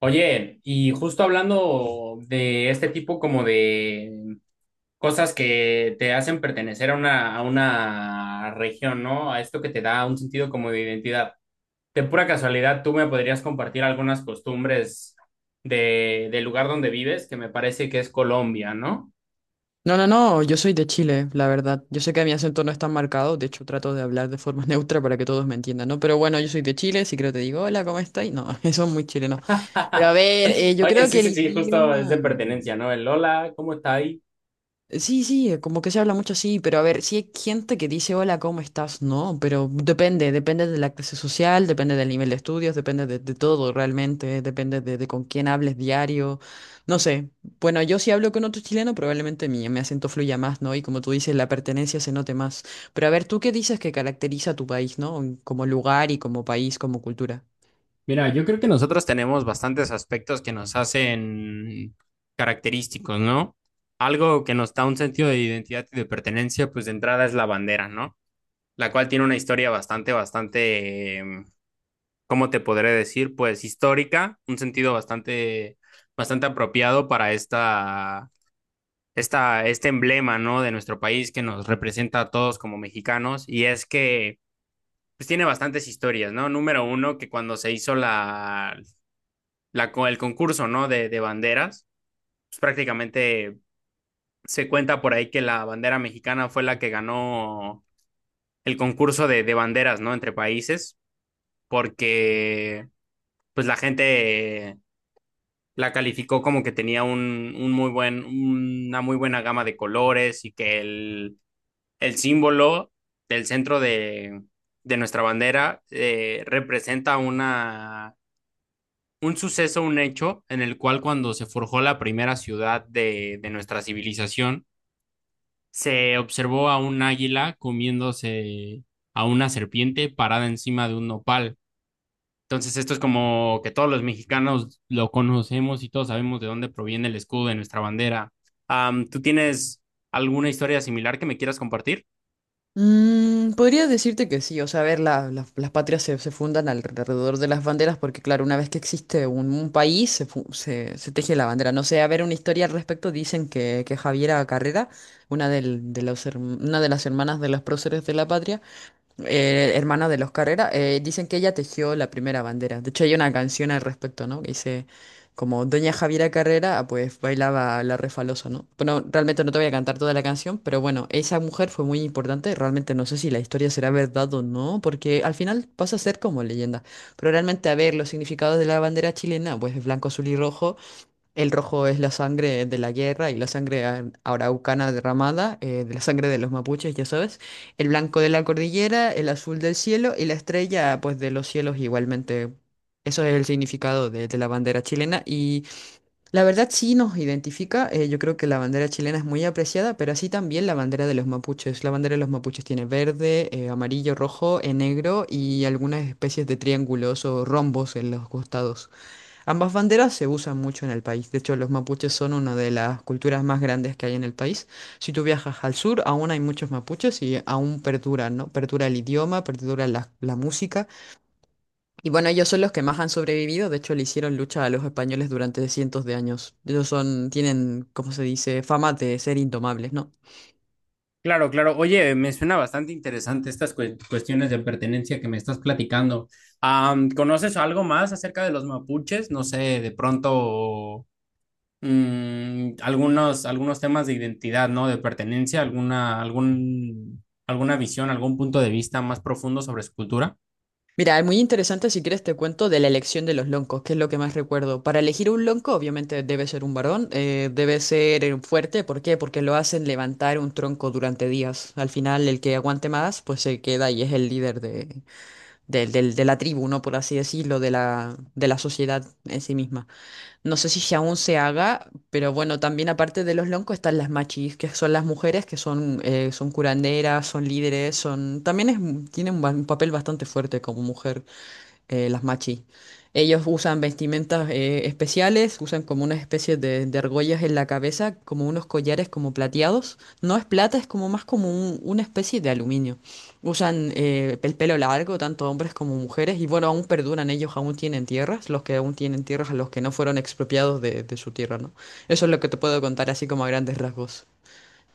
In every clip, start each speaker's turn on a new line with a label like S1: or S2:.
S1: Oye, y justo hablando de este tipo como de cosas que te hacen pertenecer a a una región, ¿no? A esto que te da un sentido como de identidad. De pura casualidad, ¿tú me podrías compartir algunas costumbres del lugar donde vives, que me parece que es Colombia, ¿no?
S2: No, no, no, yo soy de Chile, la verdad. Yo sé que mi acento no es tan marcado, de hecho trato de hablar de forma neutra para que todos me entiendan, ¿no? Pero bueno, yo soy de Chile, si creo te digo, hola, ¿cómo estás? No, eso es muy chileno. Pero a ver, yo
S1: Oye,
S2: creo
S1: sí,
S2: que el
S1: sí, sí, justo es
S2: idioma...
S1: de pertenencia, ¿no? El hola, ¿cómo estás?
S2: Sí, sí, como que se habla mucho así, pero a ver, sí hay gente que dice hola, ¿cómo estás? No, pero depende, depende de la clase social, depende del nivel de estudios, depende de todo realmente, depende de con quién hables diario, no sé. Bueno, yo si hablo con otro chileno, probablemente mi acento fluya más, ¿no? Y como tú dices, la pertenencia se note más. Pero a ver, ¿tú qué dices que caracteriza a tu país, ¿no? Como lugar y como país, como cultura.
S1: Mira, yo creo que nosotros tenemos bastantes aspectos que nos hacen característicos, ¿no? Algo que nos da un sentido de identidad y de pertenencia, pues de entrada es la bandera, ¿no? La cual tiene una historia bastante, ¿cómo te podré decir? Pues histórica, un sentido bastante, bastante apropiado para este emblema, ¿no? De nuestro país que nos representa a todos como mexicanos, y es que pues tiene bastantes historias, ¿no? Número uno, que cuando se hizo el concurso, ¿no? De banderas. Pues prácticamente se cuenta por ahí que la bandera mexicana fue la que ganó el concurso de banderas, ¿no? Entre países, porque pues la gente la calificó como que tenía una muy buena gama de colores, y que el símbolo del centro de nuestra bandera representa una un suceso, un hecho en el cual cuando se forjó la primera ciudad de nuestra civilización, se observó a un águila comiéndose a una serpiente parada encima de un nopal. Entonces esto es como que todos los mexicanos lo conocemos y todos sabemos de dónde proviene el escudo de nuestra bandera. ¿Tú tienes alguna historia similar que me quieras compartir?
S2: Podría decirte que sí, o sea, a ver, las patrias se fundan alrededor de las banderas porque, claro, una vez que existe un país, se teje la bandera. No sé, a ver, una historia al respecto, que Javiera Carrera, una, de los, una de las hermanas de los próceres de la patria, hermana de los Carrera, dicen que ella tejió la primera bandera. De hecho, hay una canción al respecto, ¿no? Que dice, como Doña Javiera Carrera, ah, pues bailaba la refalosa, ¿no? Bueno, realmente no te voy a cantar toda la canción, pero bueno, esa mujer fue muy importante. Realmente no sé si la historia será verdad o no, porque al final pasa a ser como leyenda. Pero realmente, a ver, los significados de la bandera chilena, pues blanco, azul y rojo. El rojo es la sangre de la guerra y la sangre araucana derramada, de la sangre de los mapuches, ya sabes. El blanco de la cordillera, el azul del cielo y la estrella, pues de los cielos igualmente. Eso es el significado de la bandera chilena y la verdad sí nos identifica. Yo creo que la bandera chilena es muy apreciada, pero así también la bandera de los mapuches. La bandera de los mapuches tiene verde, amarillo, rojo, negro y algunas especies de triángulos o rombos en los costados. Ambas banderas se usan mucho en el país. De hecho, los mapuches son una de las culturas más grandes que hay en el país. Si tú viajas al sur, aún hay muchos mapuches y aún perduran, ¿no? Perdura el idioma, perdura la música. Y bueno, ellos son los que más han sobrevivido. De hecho, le hicieron lucha a los españoles durante cientos de años. Ellos son, tienen, ¿cómo se dice? Fama de ser indomables, ¿no?
S1: Claro, claro. Oye, me suena bastante interesante estas cuestiones de pertenencia que me estás platicando. ¿Conoces algo más acerca de los mapuches? No sé, de pronto algunos temas de identidad, ¿no? De pertenencia, alguna visión, algún punto de vista más profundo sobre su cultura.
S2: Mira, es muy interesante si quieres te cuento de la elección de los loncos, que es lo que más recuerdo. Para elegir un lonco, obviamente debe ser un varón, debe ser fuerte, ¿por qué? Porque lo hacen levantar un tronco durante días. Al final, el que aguante más, pues se queda y es el líder de, de la tribu, ¿no? Por así decirlo, de la sociedad en sí misma. No sé si aún se haga, pero bueno, también aparte de los loncos están las machis, que son las mujeres que son, son curanderas, son líderes, son... También es, tienen un un papel bastante fuerte como mujer las machi. Ellos usan vestimentas especiales, usan como unas especies de argollas en la cabeza, como unos collares como plateados. No es plata, es como más como una especie de aluminio. Usan el pelo largo, tanto hombres como mujeres, y bueno, aún perduran ellos, aún tienen tierras, los que aún tienen tierras, a los que no fueron expropiados de su tierra, ¿no? Eso es lo que te puedo contar así como a grandes rasgos.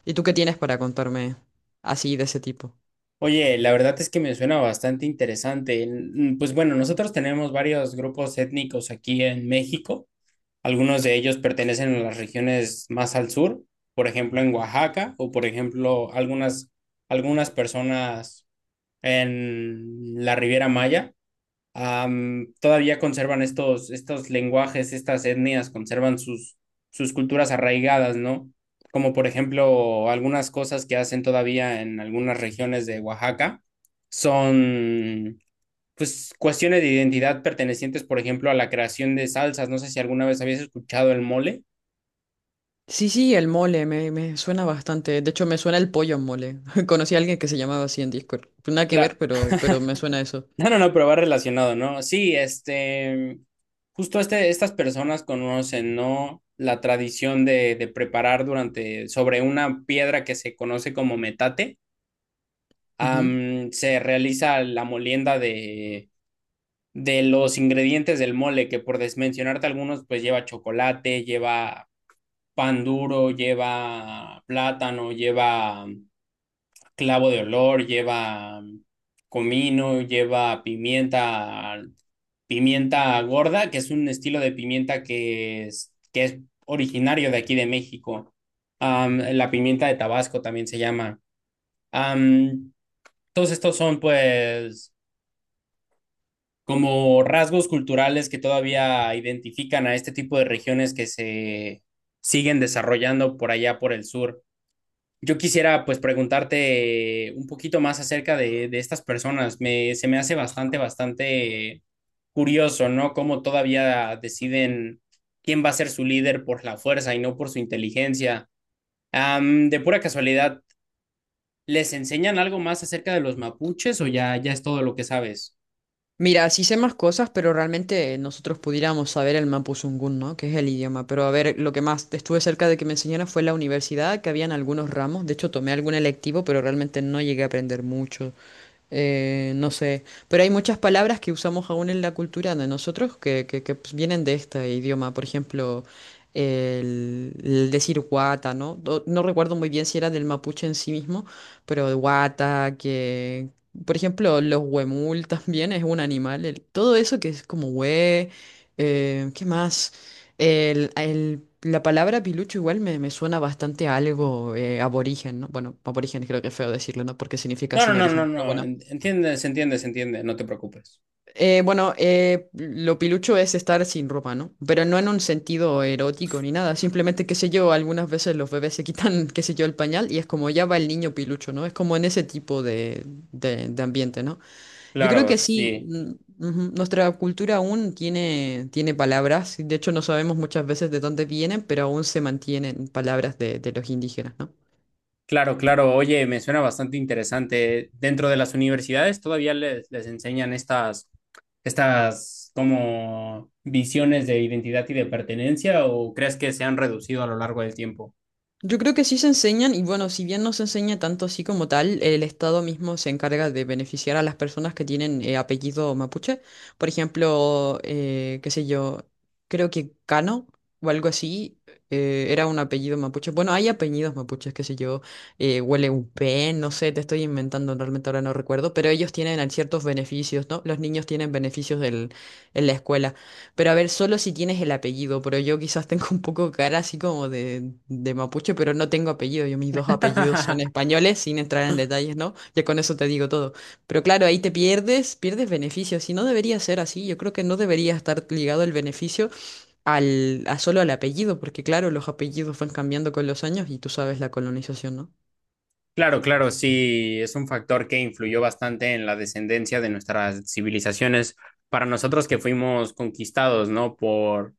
S2: ¿Y tú qué tienes para contarme así de ese tipo?
S1: Oye, la verdad es que me suena bastante interesante. Mm, pues bueno, nosotros tenemos varios grupos étnicos aquí en México. Algunos de ellos pertenecen a las regiones más al sur, por ejemplo en Oaxaca, o por ejemplo algunas personas en la Riviera Maya. Todavía conservan estos lenguajes, estas etnias, conservan sus culturas arraigadas, ¿no? Como por ejemplo algunas cosas que hacen todavía en algunas regiones de Oaxaca son pues cuestiones de identidad pertenecientes, por ejemplo, a la creación de salsas. No sé si alguna vez habías escuchado el mole.
S2: Sí, sí, el mole, me suena bastante. De hecho, me suena el pollo en mole. Conocí a alguien que se llamaba así en Discord. Nada que
S1: Claro.
S2: ver, pero me suena eso.
S1: No, no, no, pero va relacionado, ¿no? Sí, justo este, estas personas conocen, ¿no? La tradición de preparar, durante, sobre una piedra que se conoce como metate,
S2: Ujú.
S1: se realiza la molienda de los ingredientes del mole, que por desmencionarte algunos, pues lleva chocolate, lleva pan duro, lleva plátano, lleva clavo de olor, lleva comino, lleva pimienta, pimienta gorda, que es un estilo de pimienta que es originario de aquí de México. Am, la pimienta de Tabasco también se llama. Am, Todos estos son pues como rasgos culturales que todavía identifican a este tipo de regiones que se siguen desarrollando por allá por el sur. Yo quisiera pues preguntarte un poquito más acerca de estas personas. Se me hace bastante, bastante curioso, ¿no? Cómo todavía deciden quién va a ser su líder por la fuerza y no por su inteligencia. De pura casualidad, ¿les enseñan algo más acerca de los mapuches, o ya es todo lo que sabes?
S2: Mira, sí sé más cosas, pero realmente nosotros pudiéramos saber el mapuzungún, ¿no? Que es el idioma. Pero a ver, lo que más estuve cerca de que me enseñaran fue la universidad, que habían algunos ramos. De hecho, tomé algún electivo, pero realmente no llegué a aprender mucho. No sé, pero hay muchas palabras que usamos aún en la cultura de nosotros que, pues, vienen de este idioma. Por ejemplo, el decir guata, ¿no? No, recuerdo muy bien si era del mapuche en sí mismo, pero guata, que... Por ejemplo, los huemul también es un animal. Todo eso que es como hue... ¿qué más? La palabra pilucho igual me suena bastante a algo aborigen, ¿no? Bueno, aborigen creo que es feo decirlo, ¿no? Porque significa
S1: No, no,
S2: sin
S1: no, no,
S2: origen. Pero
S1: no.
S2: bueno,
S1: Entiende, se entiende, se entiende. No te preocupes.
S2: bueno, lo pilucho es estar sin ropa, ¿no? Pero no en un sentido erótico ni nada. Simplemente, qué sé yo, algunas veces los bebés se quitan, qué sé yo, el pañal y es como ya va el niño pilucho, ¿no? Es como en ese tipo de, de ambiente, ¿no? Yo creo
S1: Claro,
S2: que sí,
S1: sí.
S2: ujú, nuestra cultura aún tiene, tiene palabras. De hecho, no sabemos muchas veces de dónde vienen, pero aún se mantienen palabras de los indígenas, ¿no?
S1: Claro, claro. Oye, me suena bastante interesante. Dentro de las universidades todavía les enseñan estas como visiones de identidad y de pertenencia, ¿o crees que se han reducido a lo largo del tiempo?
S2: Yo creo que sí se enseñan y bueno, si bien no se enseña tanto así como tal, el Estado mismo se encarga de beneficiar a las personas que tienen apellido mapuche. Por ejemplo, qué sé yo, creo que Cano o algo así era un apellido mapuche. Bueno, hay apellidos mapuches, qué sé yo, Hueleupe, no sé, te estoy inventando, realmente ahora no recuerdo, pero ellos tienen ciertos beneficios, ¿no? Los niños tienen beneficios del, en la escuela. Pero a ver, solo si tienes el apellido, pero yo quizás tengo un poco cara así como de mapuche, pero no tengo apellido. Yo mis dos apellidos son españoles, sin entrar en detalles, ¿no? Ya con eso te digo todo. Pero claro, ahí te pierdes, pierdes beneficios. Y no debería ser así. Yo creo que no debería estar ligado el beneficio al, a solo al apellido, porque claro, los apellidos van cambiando con los años y tú sabes la colonización, ¿no?
S1: Claro, claro, sí, es un factor que influyó bastante en la descendencia de nuestras civilizaciones para nosotros que fuimos conquistados, ¿no?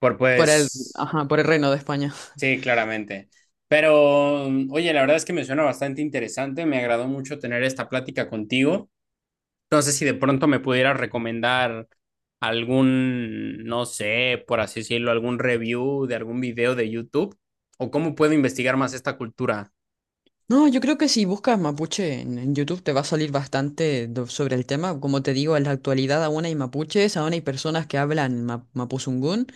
S1: Por
S2: Por el,
S1: pues
S2: ajá, por el Reino de España.
S1: Sí, claramente. Pero, mm, oye, la verdad es que me suena bastante interesante. Me agradó mucho tener esta plática contigo. No sé si de pronto me pudieras recomendar algún, no sé, por así decirlo, algún review de algún video de YouTube, o cómo puedo investigar más esta cultura.
S2: No, yo creo que si buscas mapuche en YouTube te va a salir bastante sobre el tema. Como te digo, en la actualidad aún hay mapuches, aún hay personas que hablan mapuzungún.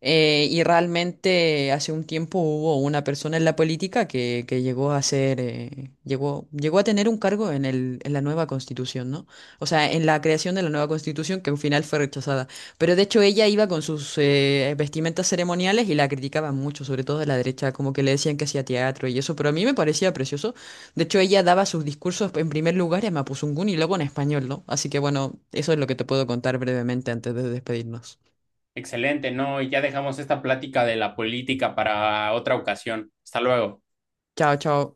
S2: Y realmente hace un tiempo hubo una persona en la política que llegó a ser, llegó a tener un cargo en el, en la nueva constitución, ¿no? O sea, en la creación de la nueva constitución que al final fue rechazada. Pero de hecho ella iba con sus vestimentas ceremoniales y la criticaban mucho, sobre todo de la derecha, como que le decían que hacía teatro y eso, pero a mí me parecía precioso. De hecho ella daba sus discursos en primer lugar en mapuzungún y luego en español, ¿no? Así que bueno, eso es lo que te puedo contar brevemente antes de despedirnos.
S1: Excelente, ¿no? Y ya dejamos esta plática de la política para otra ocasión. Hasta luego.
S2: Chao, chao.